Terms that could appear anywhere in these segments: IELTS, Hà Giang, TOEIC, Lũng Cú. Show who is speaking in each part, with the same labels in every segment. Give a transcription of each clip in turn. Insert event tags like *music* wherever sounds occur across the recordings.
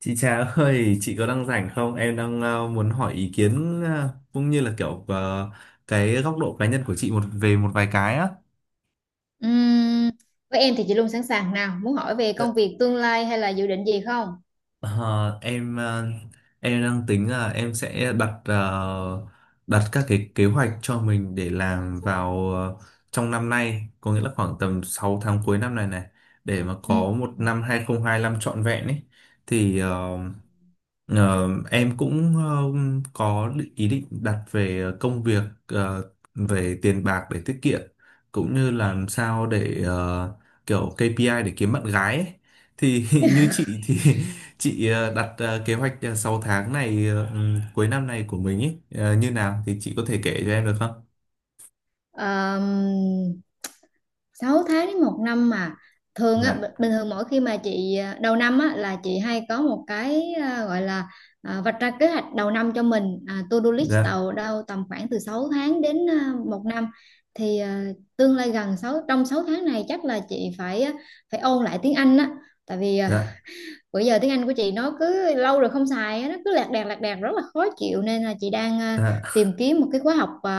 Speaker 1: Chị Trà ơi, chị có đang rảnh không? Em đang muốn hỏi ý kiến cũng như là kiểu cái góc độ cá nhân của chị một về một vài cái á.
Speaker 2: Ừm, với em thì chị luôn sẵn sàng, nào muốn hỏi về
Speaker 1: Ờ,
Speaker 2: công việc tương lai hay là dự định gì không?
Speaker 1: ờ, em ờ, em đang tính là em sẽ đặt đặt các cái kế hoạch cho mình để làm vào trong năm nay, có nghĩa là khoảng tầm 6 tháng cuối năm này này để mà có một
Speaker 2: Ừm.
Speaker 1: năm hai không hai lăm trọn vẹn ấy. Thì ờ, Ờ, em cũng ờ, Có ý định đặt về công việc, về tiền bạc để tiết kiệm, cũng như làm sao để kiểu KPI để kiếm bạn gái ấy. Thì *laughs* như chị thì *laughs* chị đặt kế hoạch 6 tháng này cuối năm này của mình ấy như nào thì chị có thể kể cho em được không?
Speaker 2: Um, 6 tháng đến một năm mà thường á,
Speaker 1: Dạ,
Speaker 2: bình thường mỗi khi mà chị đầu năm á là chị hay có một cái gọi là vạch ra kế hoạch đầu năm cho mình, to-do list
Speaker 1: dạ,
Speaker 2: đầu đâu tầm khoảng từ 6 tháng đến một năm. Thì tương lai gần 6 trong 6 tháng này chắc là chị phải phải ôn lại tiếng Anh á, tại vì
Speaker 1: dạ,
Speaker 2: bữa giờ tiếng Anh của chị nó cứ lâu rồi không xài, nó cứ lạc đàn rất là khó chịu, nên là chị đang
Speaker 1: dạ,
Speaker 2: tìm kiếm một cái khóa học,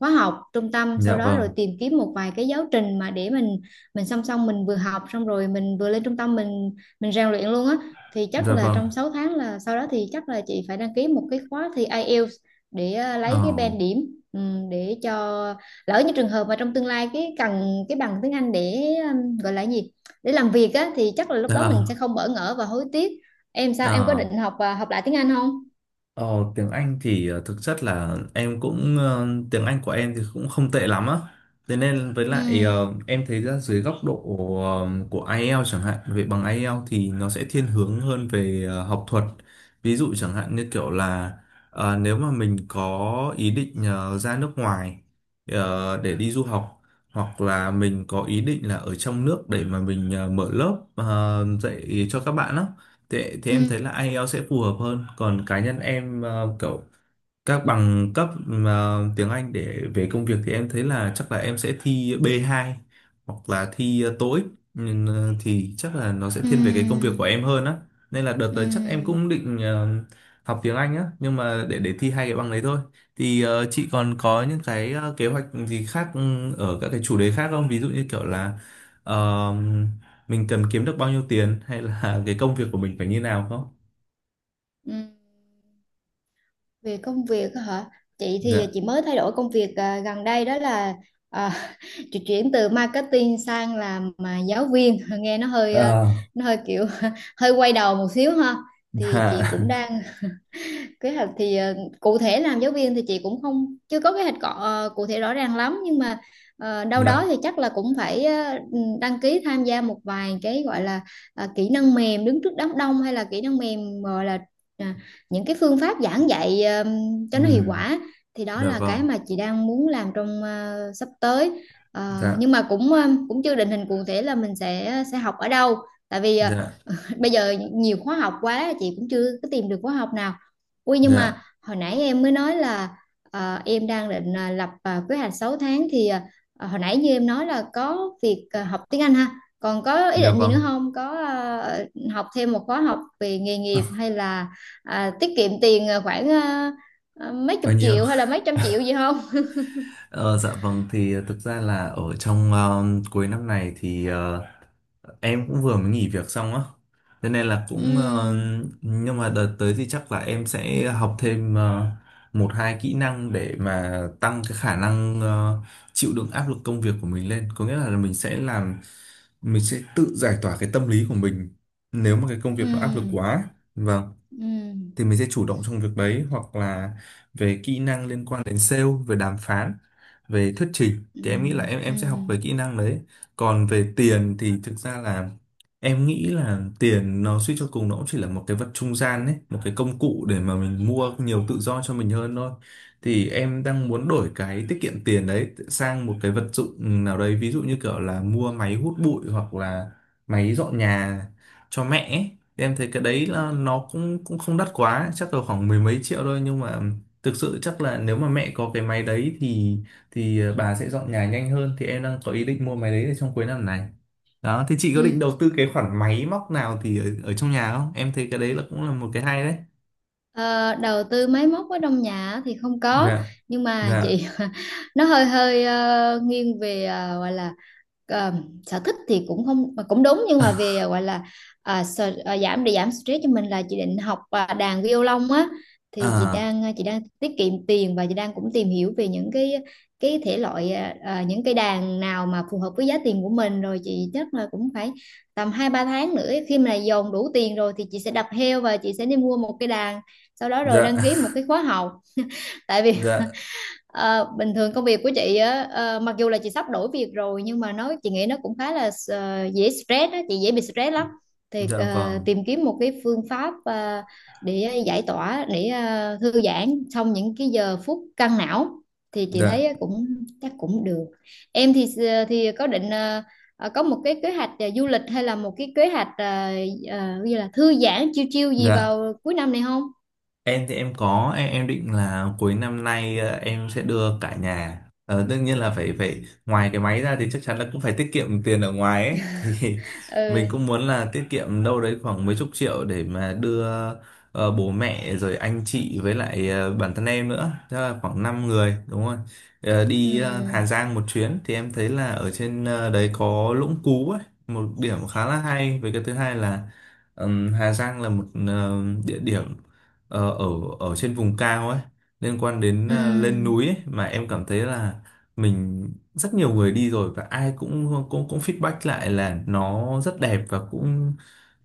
Speaker 2: khóa học trung tâm, sau
Speaker 1: dạ
Speaker 2: đó rồi
Speaker 1: vâng,
Speaker 2: tìm kiếm một vài cái giáo trình mà để mình song song, mình vừa học xong rồi mình vừa lên trung tâm mình rèn luyện luôn á. Thì chắc
Speaker 1: dạ
Speaker 2: là
Speaker 1: vâng.
Speaker 2: trong 6 tháng là sau đó thì chắc là chị phải đăng ký một cái khóa thi IELTS để
Speaker 1: Ờ,
Speaker 2: lấy cái band điểm, ừ, để cho lỡ như trường hợp mà trong tương lai cái cần cái bằng tiếng Anh để gọi là gì, để làm việc á, thì chắc là lúc đó mình sẽ
Speaker 1: dạ,
Speaker 2: không bỡ ngỡ và hối tiếc. Em sao, em có
Speaker 1: ờ.
Speaker 2: định học và học lại tiếng Anh không?
Speaker 1: Ờ, Tiếng Anh thì thực chất là em cũng, tiếng Anh của em thì cũng không tệ lắm á. Thế nên với
Speaker 2: Ừ.
Speaker 1: lại, em thấy ra dưới góc độ của IELTS chẳng hạn, về bằng IELTS thì nó sẽ thiên hướng hơn về học thuật. Ví dụ chẳng hạn như kiểu là nếu mà mình có ý định ra nước ngoài để đi du học, hoặc là mình có ý định là ở trong nước để mà mình mở lớp dạy cho các bạn á. Thế, thì em thấy
Speaker 2: Ừ.
Speaker 1: là IELTS sẽ phù hợp hơn, còn cá nhân em kiểu các bằng cấp mà tiếng Anh để về công việc thì em thấy là chắc là em sẽ thi B2 hoặc là thi TOEIC, nhưng thì chắc là nó sẽ thiên về cái công việc
Speaker 2: Ừ.
Speaker 1: của em hơn á, nên là đợt
Speaker 2: Ừ.
Speaker 1: tới chắc em cũng định học tiếng Anh á, nhưng mà để thi hai cái bằng đấy thôi. Thì chị còn có những cái kế hoạch gì khác, ở các cái chủ đề khác không, ví dụ như kiểu là ờ, mình cần kiếm được bao nhiêu tiền hay là *laughs* cái công việc của mình phải như nào không?
Speaker 2: Ừ. Về công việc á hả? Chị thì
Speaker 1: Dạ.
Speaker 2: chị mới thay đổi công việc gần đây, đó là à, *laughs* chị chuyển từ marketing sang làm giáo viên, *laughs* nghe nó hơi
Speaker 1: Ờ.
Speaker 2: nó hơi kiểu *laughs* hơi quay đầu một xíu ha. Thì
Speaker 1: *laughs*
Speaker 2: chị
Speaker 1: Dạ.
Speaker 2: cũng đang kế hoạch, thì cụ thể làm giáo viên thì chị cũng không chưa có kế hoạch cụ thể rõ ràng lắm, nhưng mà đâu đó
Speaker 1: Dạ.
Speaker 2: thì chắc là cũng phải đăng ký tham gia một vài cái gọi là kỹ năng mềm đứng trước đám đông, hay là kỹ năng mềm gọi là à, những cái phương pháp giảng dạy cho
Speaker 1: Ừ.
Speaker 2: nó hiệu quả. Thì đó
Speaker 1: Dạ
Speaker 2: là cái
Speaker 1: vâng,
Speaker 2: mà chị đang muốn làm trong sắp tới.
Speaker 1: dạ,
Speaker 2: Nhưng mà cũng cũng chưa định hình cụ thể là mình sẽ học ở đâu, tại vì
Speaker 1: dạ,
Speaker 2: *laughs* bây giờ nhiều khóa học quá, chị cũng chưa có tìm được khóa học nào. Ui, nhưng
Speaker 1: dạ,
Speaker 2: mà hồi nãy em mới nói là em đang định lập kế hoạch 6 tháng, thì hồi nãy như em nói là có việc học tiếng Anh ha. Còn có ý
Speaker 1: dạ
Speaker 2: định gì nữa
Speaker 1: vâng,
Speaker 2: không? Có học thêm một khóa học về nghề nghiệp hay là tiết kiệm tiền khoảng mấy
Speaker 1: bao
Speaker 2: chục
Speaker 1: nhiêu?
Speaker 2: triệu hay
Speaker 1: *laughs*
Speaker 2: là mấy trăm triệu gì không?
Speaker 1: Ờ, dạ vâng, thì thực ra là ở trong cuối năm này thì em cũng vừa mới nghỉ việc xong á, cho nên là
Speaker 2: Ừ.
Speaker 1: cũng, ờ, nhưng mà đợt tới thì chắc là em sẽ học thêm một hai kỹ năng để mà tăng cái khả năng chịu đựng áp lực công việc của mình lên, có nghĩa là mình sẽ tự giải tỏa cái tâm lý của mình nếu mà cái công việc
Speaker 2: Ừ.
Speaker 1: nó áp lực quá. Vâng.
Speaker 2: Ừ.
Speaker 1: Thì mình sẽ chủ động trong việc đấy, hoặc là về kỹ năng liên quan đến sale, về đàm phán, về thuyết trình
Speaker 2: Ừ.
Speaker 1: thì em nghĩ là em
Speaker 2: Ừ.
Speaker 1: sẽ học về kỹ năng đấy. Còn về tiền thì thực ra là em nghĩ là tiền nó suy cho cùng nó cũng chỉ là một cái vật trung gian đấy, một cái công cụ để mà mình mua nhiều tự do cho mình hơn thôi, thì em đang muốn đổi cái tiết kiệm tiền đấy sang một cái vật dụng nào đấy, ví dụ như kiểu là mua máy hút bụi hoặc là máy dọn nhà cho mẹ ấy. Em thấy cái đấy
Speaker 2: Ừ.
Speaker 1: là nó cũng cũng không đắt quá, chắc là khoảng mười mấy triệu thôi, nhưng mà thực sự chắc là nếu mà mẹ có cái máy đấy thì bà sẽ dọn nhà nhanh hơn, thì em đang có ý định mua máy đấy để trong cuối năm này. Đó thì chị
Speaker 2: Ừ.
Speaker 1: có định đầu tư cái khoản máy móc nào ở trong nhà không? Em thấy cái đấy là cũng là một cái hay đấy.
Speaker 2: Ờ, đầu tư máy móc ở trong nhà á thì không có,
Speaker 1: Dạ.
Speaker 2: nhưng mà
Speaker 1: Dạ.
Speaker 2: chị *laughs* nó hơi hơi nghiêng về gọi là ờ, sở thích thì cũng không mà cũng đúng, nhưng mà về gọi là giảm để giảm stress cho mình, là chị định học đàn violon á. Thì chị
Speaker 1: À.
Speaker 2: đang chị đang tiết kiệm tiền và chị đang cũng tìm hiểu về những cái thể loại, những cái đàn nào mà phù hợp với giá tiền của mình, rồi chị chắc là cũng phải tầm hai ba tháng nữa, khi mà dồn đủ tiền rồi thì chị sẽ đập heo và chị sẽ đi mua một cái đàn, sau đó rồi
Speaker 1: Dạ.
Speaker 2: đăng ký một cái
Speaker 1: *laughs*
Speaker 2: khóa học. Tại vì
Speaker 1: Dạ.
Speaker 2: *laughs* bình thường công việc của chị á, ờ, mặc dù là chị sắp đổi việc rồi, nhưng mà chị nghĩ nó cũng khá là dễ stress á, chị dễ bị stress lắm. Thì
Speaker 1: Dạ vâng.
Speaker 2: tìm kiếm một cái phương pháp để giải tỏa, để thư giãn trong những cái giờ phút căng não, thì chị
Speaker 1: Dạ.
Speaker 2: thấy cũng chắc cũng được. Em thì thì có định có một cái kế hoạch du lịch hay là một cái kế hoạch như là thư giãn chiêu chiêu gì
Speaker 1: Dạ.
Speaker 2: vào cuối năm này không?
Speaker 1: Em thì em định là cuối năm nay em sẽ đưa cả nhà, đương nhiên là phải phải ngoài cái máy ra thì chắc chắn là cũng phải tiết kiệm tiền ở ngoài ấy *laughs* thì mình cũng
Speaker 2: Ừ.
Speaker 1: muốn là tiết kiệm đâu đấy khoảng mấy chục triệu để mà đưa bố mẹ rồi anh chị với lại bản thân em nữa, tức là khoảng 5 người đúng không. Ờ, đi Hà
Speaker 2: Ừ.
Speaker 1: Giang một chuyến, thì em thấy là ở trên đấy có Lũng Cú ấy, một điểm khá là hay. Với cái thứ hai là, ừm, Hà Giang là một địa điểm ờ, ở ở trên vùng cao ấy, liên quan đến
Speaker 2: Ừ.
Speaker 1: à, lên núi ấy, mà em cảm thấy là mình rất nhiều người đi rồi và ai cũng cũng cũng feedback lại là nó rất đẹp, và cũng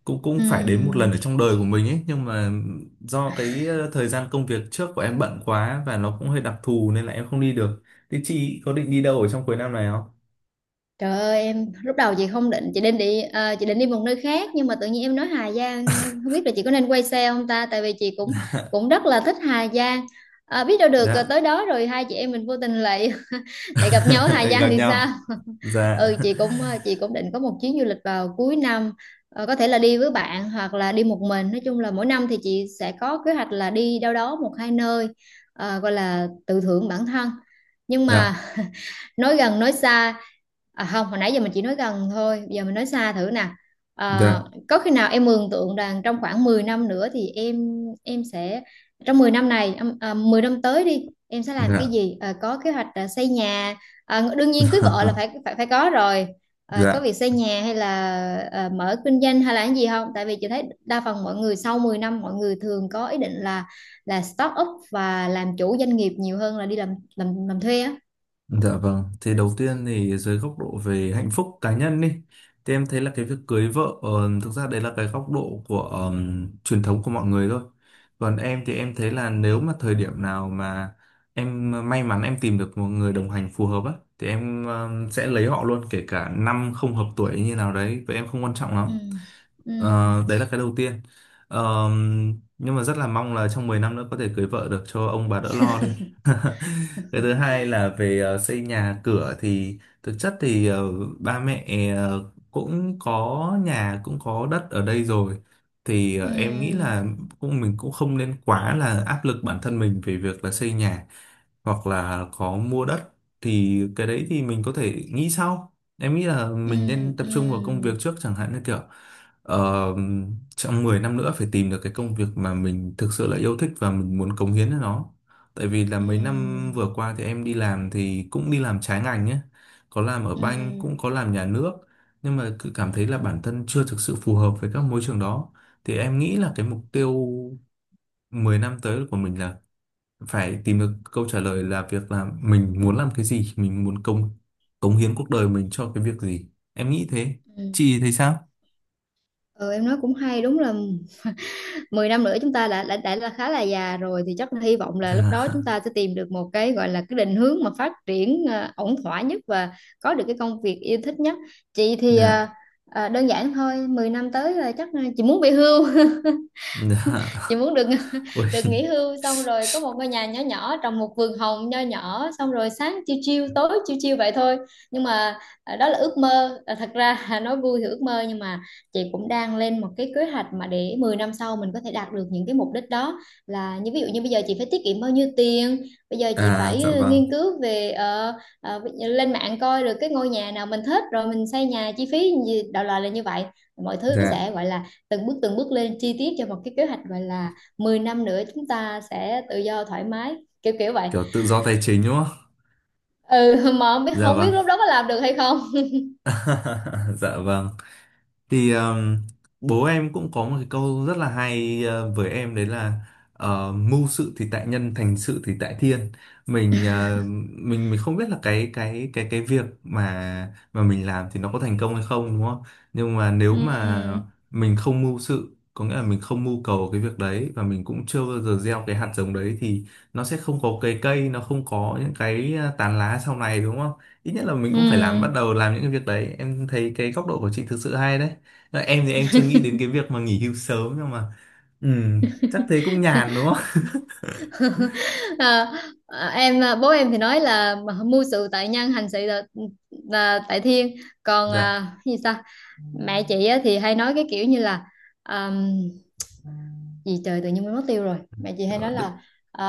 Speaker 1: cũng cũng
Speaker 2: Ừ.
Speaker 1: phải đến một lần ở trong đời của mình ấy, nhưng mà do cái thời gian công việc trước của em bận quá và nó cũng hơi đặc thù nên là em không đi được. Thế chị có định đi đâu ở trong cuối năm này không?
Speaker 2: Trời ơi em, lúc đầu chị không định, chị định đi chị định đi một nơi khác, nhưng mà tự nhiên em nói Hà Giang, không biết là chị có nên quay xe không ta, tại vì chị cũng cũng rất là thích Hà Giang. Ờ, biết đâu được
Speaker 1: Dạ.
Speaker 2: tới đó rồi hai chị em mình vô tình lại *laughs* lại gặp nhau ở Hà
Speaker 1: *laughs* Gặp
Speaker 2: Giang thì sao.
Speaker 1: nhau.
Speaker 2: *laughs* Ừ,
Speaker 1: Dạ.
Speaker 2: chị cũng
Speaker 1: *laughs*
Speaker 2: chị cũng định có một chuyến du lịch vào cuối năm. Ờ, có thể là đi với bạn hoặc là đi một mình, nói chung là mỗi năm thì chị sẽ có kế hoạch là đi đâu đó một hai nơi, gọi là tự thưởng bản thân. Nhưng
Speaker 1: Dạ.
Speaker 2: mà nói gần nói xa, không, hồi nãy giờ mình chỉ nói gần thôi, bây giờ mình nói xa thử nè. à,
Speaker 1: Dạ.
Speaker 2: có khi nào em mường tượng rằng trong khoảng 10 năm nữa thì em sẽ trong 10 năm này 10 năm tới đi, em sẽ làm cái
Speaker 1: Dạ.
Speaker 2: gì, có kế hoạch xây nhà, đương nhiên cưới vợ là phải
Speaker 1: *laughs*
Speaker 2: phải phải có rồi, có
Speaker 1: Dạ.
Speaker 2: việc xây nhà hay là mở kinh doanh hay là cái gì không? Tại vì chị thấy đa phần mọi người sau 10 năm mọi người thường có ý định là start up và làm chủ doanh nghiệp nhiều hơn là đi làm làm thuê á.
Speaker 1: Dạ vâng, thì đầu tiên thì dưới góc độ về hạnh phúc cá nhân đi, thì em thấy là cái việc cưới vợ thực ra đấy là cái góc độ của truyền thống của mọi người thôi. Còn em thì em thấy là nếu mà thời điểm nào mà em may mắn em tìm được một người đồng hành phù hợp á, thì em sẽ lấy họ luôn, kể cả năm không hợp tuổi như nào đấy, vậy em không quan trọng lắm.
Speaker 2: Ừ. Ừ.
Speaker 1: Ờ, đấy là cái đầu tiên. Ờ, nhưng mà rất là mong là trong 10 năm nữa có thể cưới vợ được cho ông bà đỡ lo đi. *laughs* Cái thứ hai là về xây nhà cửa, thì thực chất thì ba mẹ ờ, cũng có nhà cũng có đất ở đây rồi. Thì em nghĩ
Speaker 2: Ừ.
Speaker 1: là mình cũng không nên quá là áp lực bản thân mình về việc là xây nhà hoặc là có mua đất, thì cái đấy thì mình có thể nghĩ sau. Em nghĩ là
Speaker 2: Ừ.
Speaker 1: mình nên tập
Speaker 2: Ừ.
Speaker 1: trung vào công việc trước, chẳng hạn như kiểu, ờ, trong 10 năm nữa phải tìm được cái công việc mà mình thực sự là yêu thích và mình muốn cống hiến cho nó. Tại vì là mấy năm
Speaker 2: Ừ.
Speaker 1: vừa qua thì em đi làm thì cũng đi làm trái ngành nhé. Có làm ở banh
Speaker 2: Ừ.
Speaker 1: cũng có làm nhà nước, nhưng mà cứ cảm thấy là bản thân chưa thực sự phù hợp với các môi trường đó. Thì em nghĩ
Speaker 2: Ừ.
Speaker 1: là cái mục tiêu 10 năm tới của mình là phải tìm được câu trả lời là việc là mình muốn làm cái gì, mình muốn cống cống hiến cuộc đời mình cho cái việc gì. Em nghĩ thế.
Speaker 2: Ừ.
Speaker 1: Chị thấy sao?
Speaker 2: Ừ, em nói cũng hay, đúng là mười năm nữa chúng ta đã là khá là già rồi, thì chắc là hy vọng
Speaker 1: *laughs*
Speaker 2: là lúc đó
Speaker 1: Dạ.
Speaker 2: chúng ta sẽ tìm được một cái gọi là cái định hướng mà phát triển ổn thỏa nhất và có được cái công việc yêu thích nhất. Chị thì
Speaker 1: Dạ.
Speaker 2: đơn giản thôi, 10 năm tới là chắc chị muốn về hưu,
Speaker 1: *laughs*
Speaker 2: chị
Speaker 1: Dạ.
Speaker 2: muốn được
Speaker 1: Ôi.
Speaker 2: *laughs* được nghỉ hưu, xong rồi có một ngôi nhà nhỏ nhỏ, trồng một vườn hồng nho nhỏ, xong rồi sáng chiêu chiêu tối chiêu chiêu vậy thôi. Nhưng mà đó là ước mơ. À, thật ra *laughs* nói vui thì ước mơ, nhưng mà chị cũng đang lên một cái kế hoạch mà để 10 năm sau mình có thể đạt được những cái mục đích đó, là như ví dụ như bây giờ chị phải tiết kiệm bao nhiêu tiền, bây giờ chị
Speaker 1: À dạ
Speaker 2: phải ừ,
Speaker 1: vâng.
Speaker 2: nghiên cứu về ví dụ lên mạng coi được cái ngôi nhà nào mình thích rồi mình xây nhà chi phí gì, đại loại là như vậy. Mọi thứ
Speaker 1: Dạ,
Speaker 2: sẽ gọi là từng bước lên chi tiết cho một cái kế hoạch, gọi là 10 năm nữa chúng ta sẽ tự do thoải mái, kiểu kiểu vậy.
Speaker 1: kiểu tự do tài chính đúng không?
Speaker 2: Ừ, *laughs* mà không biết
Speaker 1: Dạ
Speaker 2: không
Speaker 1: vâng.
Speaker 2: biết lúc đó có làm được hay không.
Speaker 1: *laughs* Dạ vâng. Thì bố em cũng có một cái câu rất là hay với em đấy là mưu sự thì tại nhân, thành sự thì tại thiên. Mình ờ, mình không biết là cái việc mà mình làm thì nó có thành công hay không đúng không? Nhưng mà nếu mà
Speaker 2: Ừ.
Speaker 1: mình không mưu sự, có nghĩa là mình không mưu cầu cái việc đấy và mình cũng chưa bao giờ gieo cái hạt giống đấy, thì nó sẽ không có cái cây, nó không có những cái tán lá sau này đúng không? Ít nhất là mình cũng phải làm, bắt
Speaker 2: Ừ.
Speaker 1: đầu làm những cái việc đấy. Em thấy cái góc độ của chị thực sự hay đấy. Dạ, em thì em chưa nghĩ đến cái việc mà nghỉ hưu sớm, nhưng mà ừ, chắc thế cũng nhàn đúng không? *laughs*
Speaker 2: *laughs* à, Bố em thì nói là mưu sự tại nhân, hành sự là tại thiên. Còn
Speaker 1: Dạ.
Speaker 2: cái gì ta, mẹ chị á thì hay nói cái kiểu như là à, gì trời, tự nhiên quên mất tiêu rồi. Mẹ chị hay
Speaker 1: Rồi,
Speaker 2: nói
Speaker 1: đ-
Speaker 2: là à,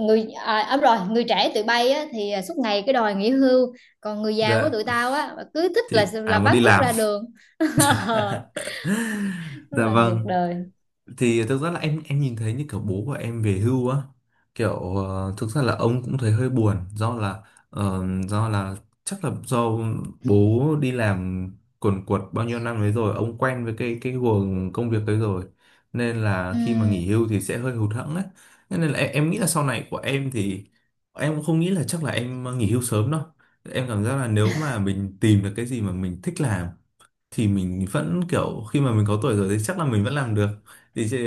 Speaker 2: người đúng rồi, người trẻ tụi bay á, thì suốt ngày cái đòi nghỉ hưu, còn người già của
Speaker 1: dạ,
Speaker 2: tụi tao á cứ thích là
Speaker 1: thì ai muốn
Speaker 2: vác
Speaker 1: đi
Speaker 2: cuốc
Speaker 1: làm?
Speaker 2: ra đường. *laughs*
Speaker 1: *laughs*
Speaker 2: Rất
Speaker 1: Dạ
Speaker 2: là ngược
Speaker 1: vâng.
Speaker 2: đời.
Speaker 1: Thì thực ra là em nhìn thấy như kiểu bố của em về hưu á, kiểu thực ra là ông cũng thấy hơi buồn, do là ờ, do là chắc là do bố đi làm quần quật bao nhiêu năm đấy rồi, ông quen với cái guồng công việc đấy rồi, nên là khi mà
Speaker 2: Ừm.
Speaker 1: nghỉ hưu thì sẽ hơi hụt hẫng đấy. Thế nên là em nghĩ là sau này của em thì em cũng không nghĩ là chắc là em nghỉ hưu sớm đâu. Em cảm giác là nếu mà mình tìm được cái gì mà mình thích làm thì mình vẫn kiểu khi mà mình có tuổi rồi thì chắc là mình vẫn làm được. thì chị-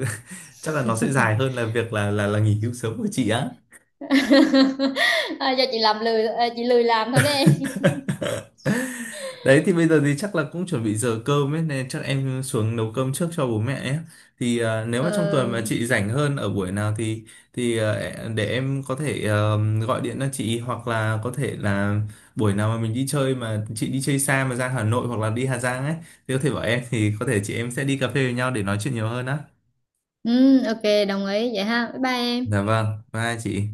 Speaker 1: *laughs* chắc là nó sẽ dài hơn là việc là nghỉ hưu sớm của chị á.
Speaker 2: *laughs* Do chị làm lười, chị lười làm thôi đấy em.
Speaker 1: Đấy thì bây giờ thì chắc là cũng chuẩn bị giờ cơm ấy, nên chắc em xuống nấu cơm trước cho bố mẹ ấy. Thì à, nếu
Speaker 2: Ờ,
Speaker 1: mà trong tuần mà
Speaker 2: ừ,
Speaker 1: chị rảnh hơn ở buổi nào thì thì à, để em có thể gọi điện cho chị, hoặc là có thể là buổi nào mà mình đi chơi mà chị đi chơi xa mà ra Hà Nội hoặc là đi Hà Giang ấy thì có thể bảo em, thì có thể chị em sẽ đi cà phê với nhau để nói chuyện nhiều hơn á.
Speaker 2: ok, đồng ý vậy ha, bye bye em.
Speaker 1: Dạ vâng, bye chị.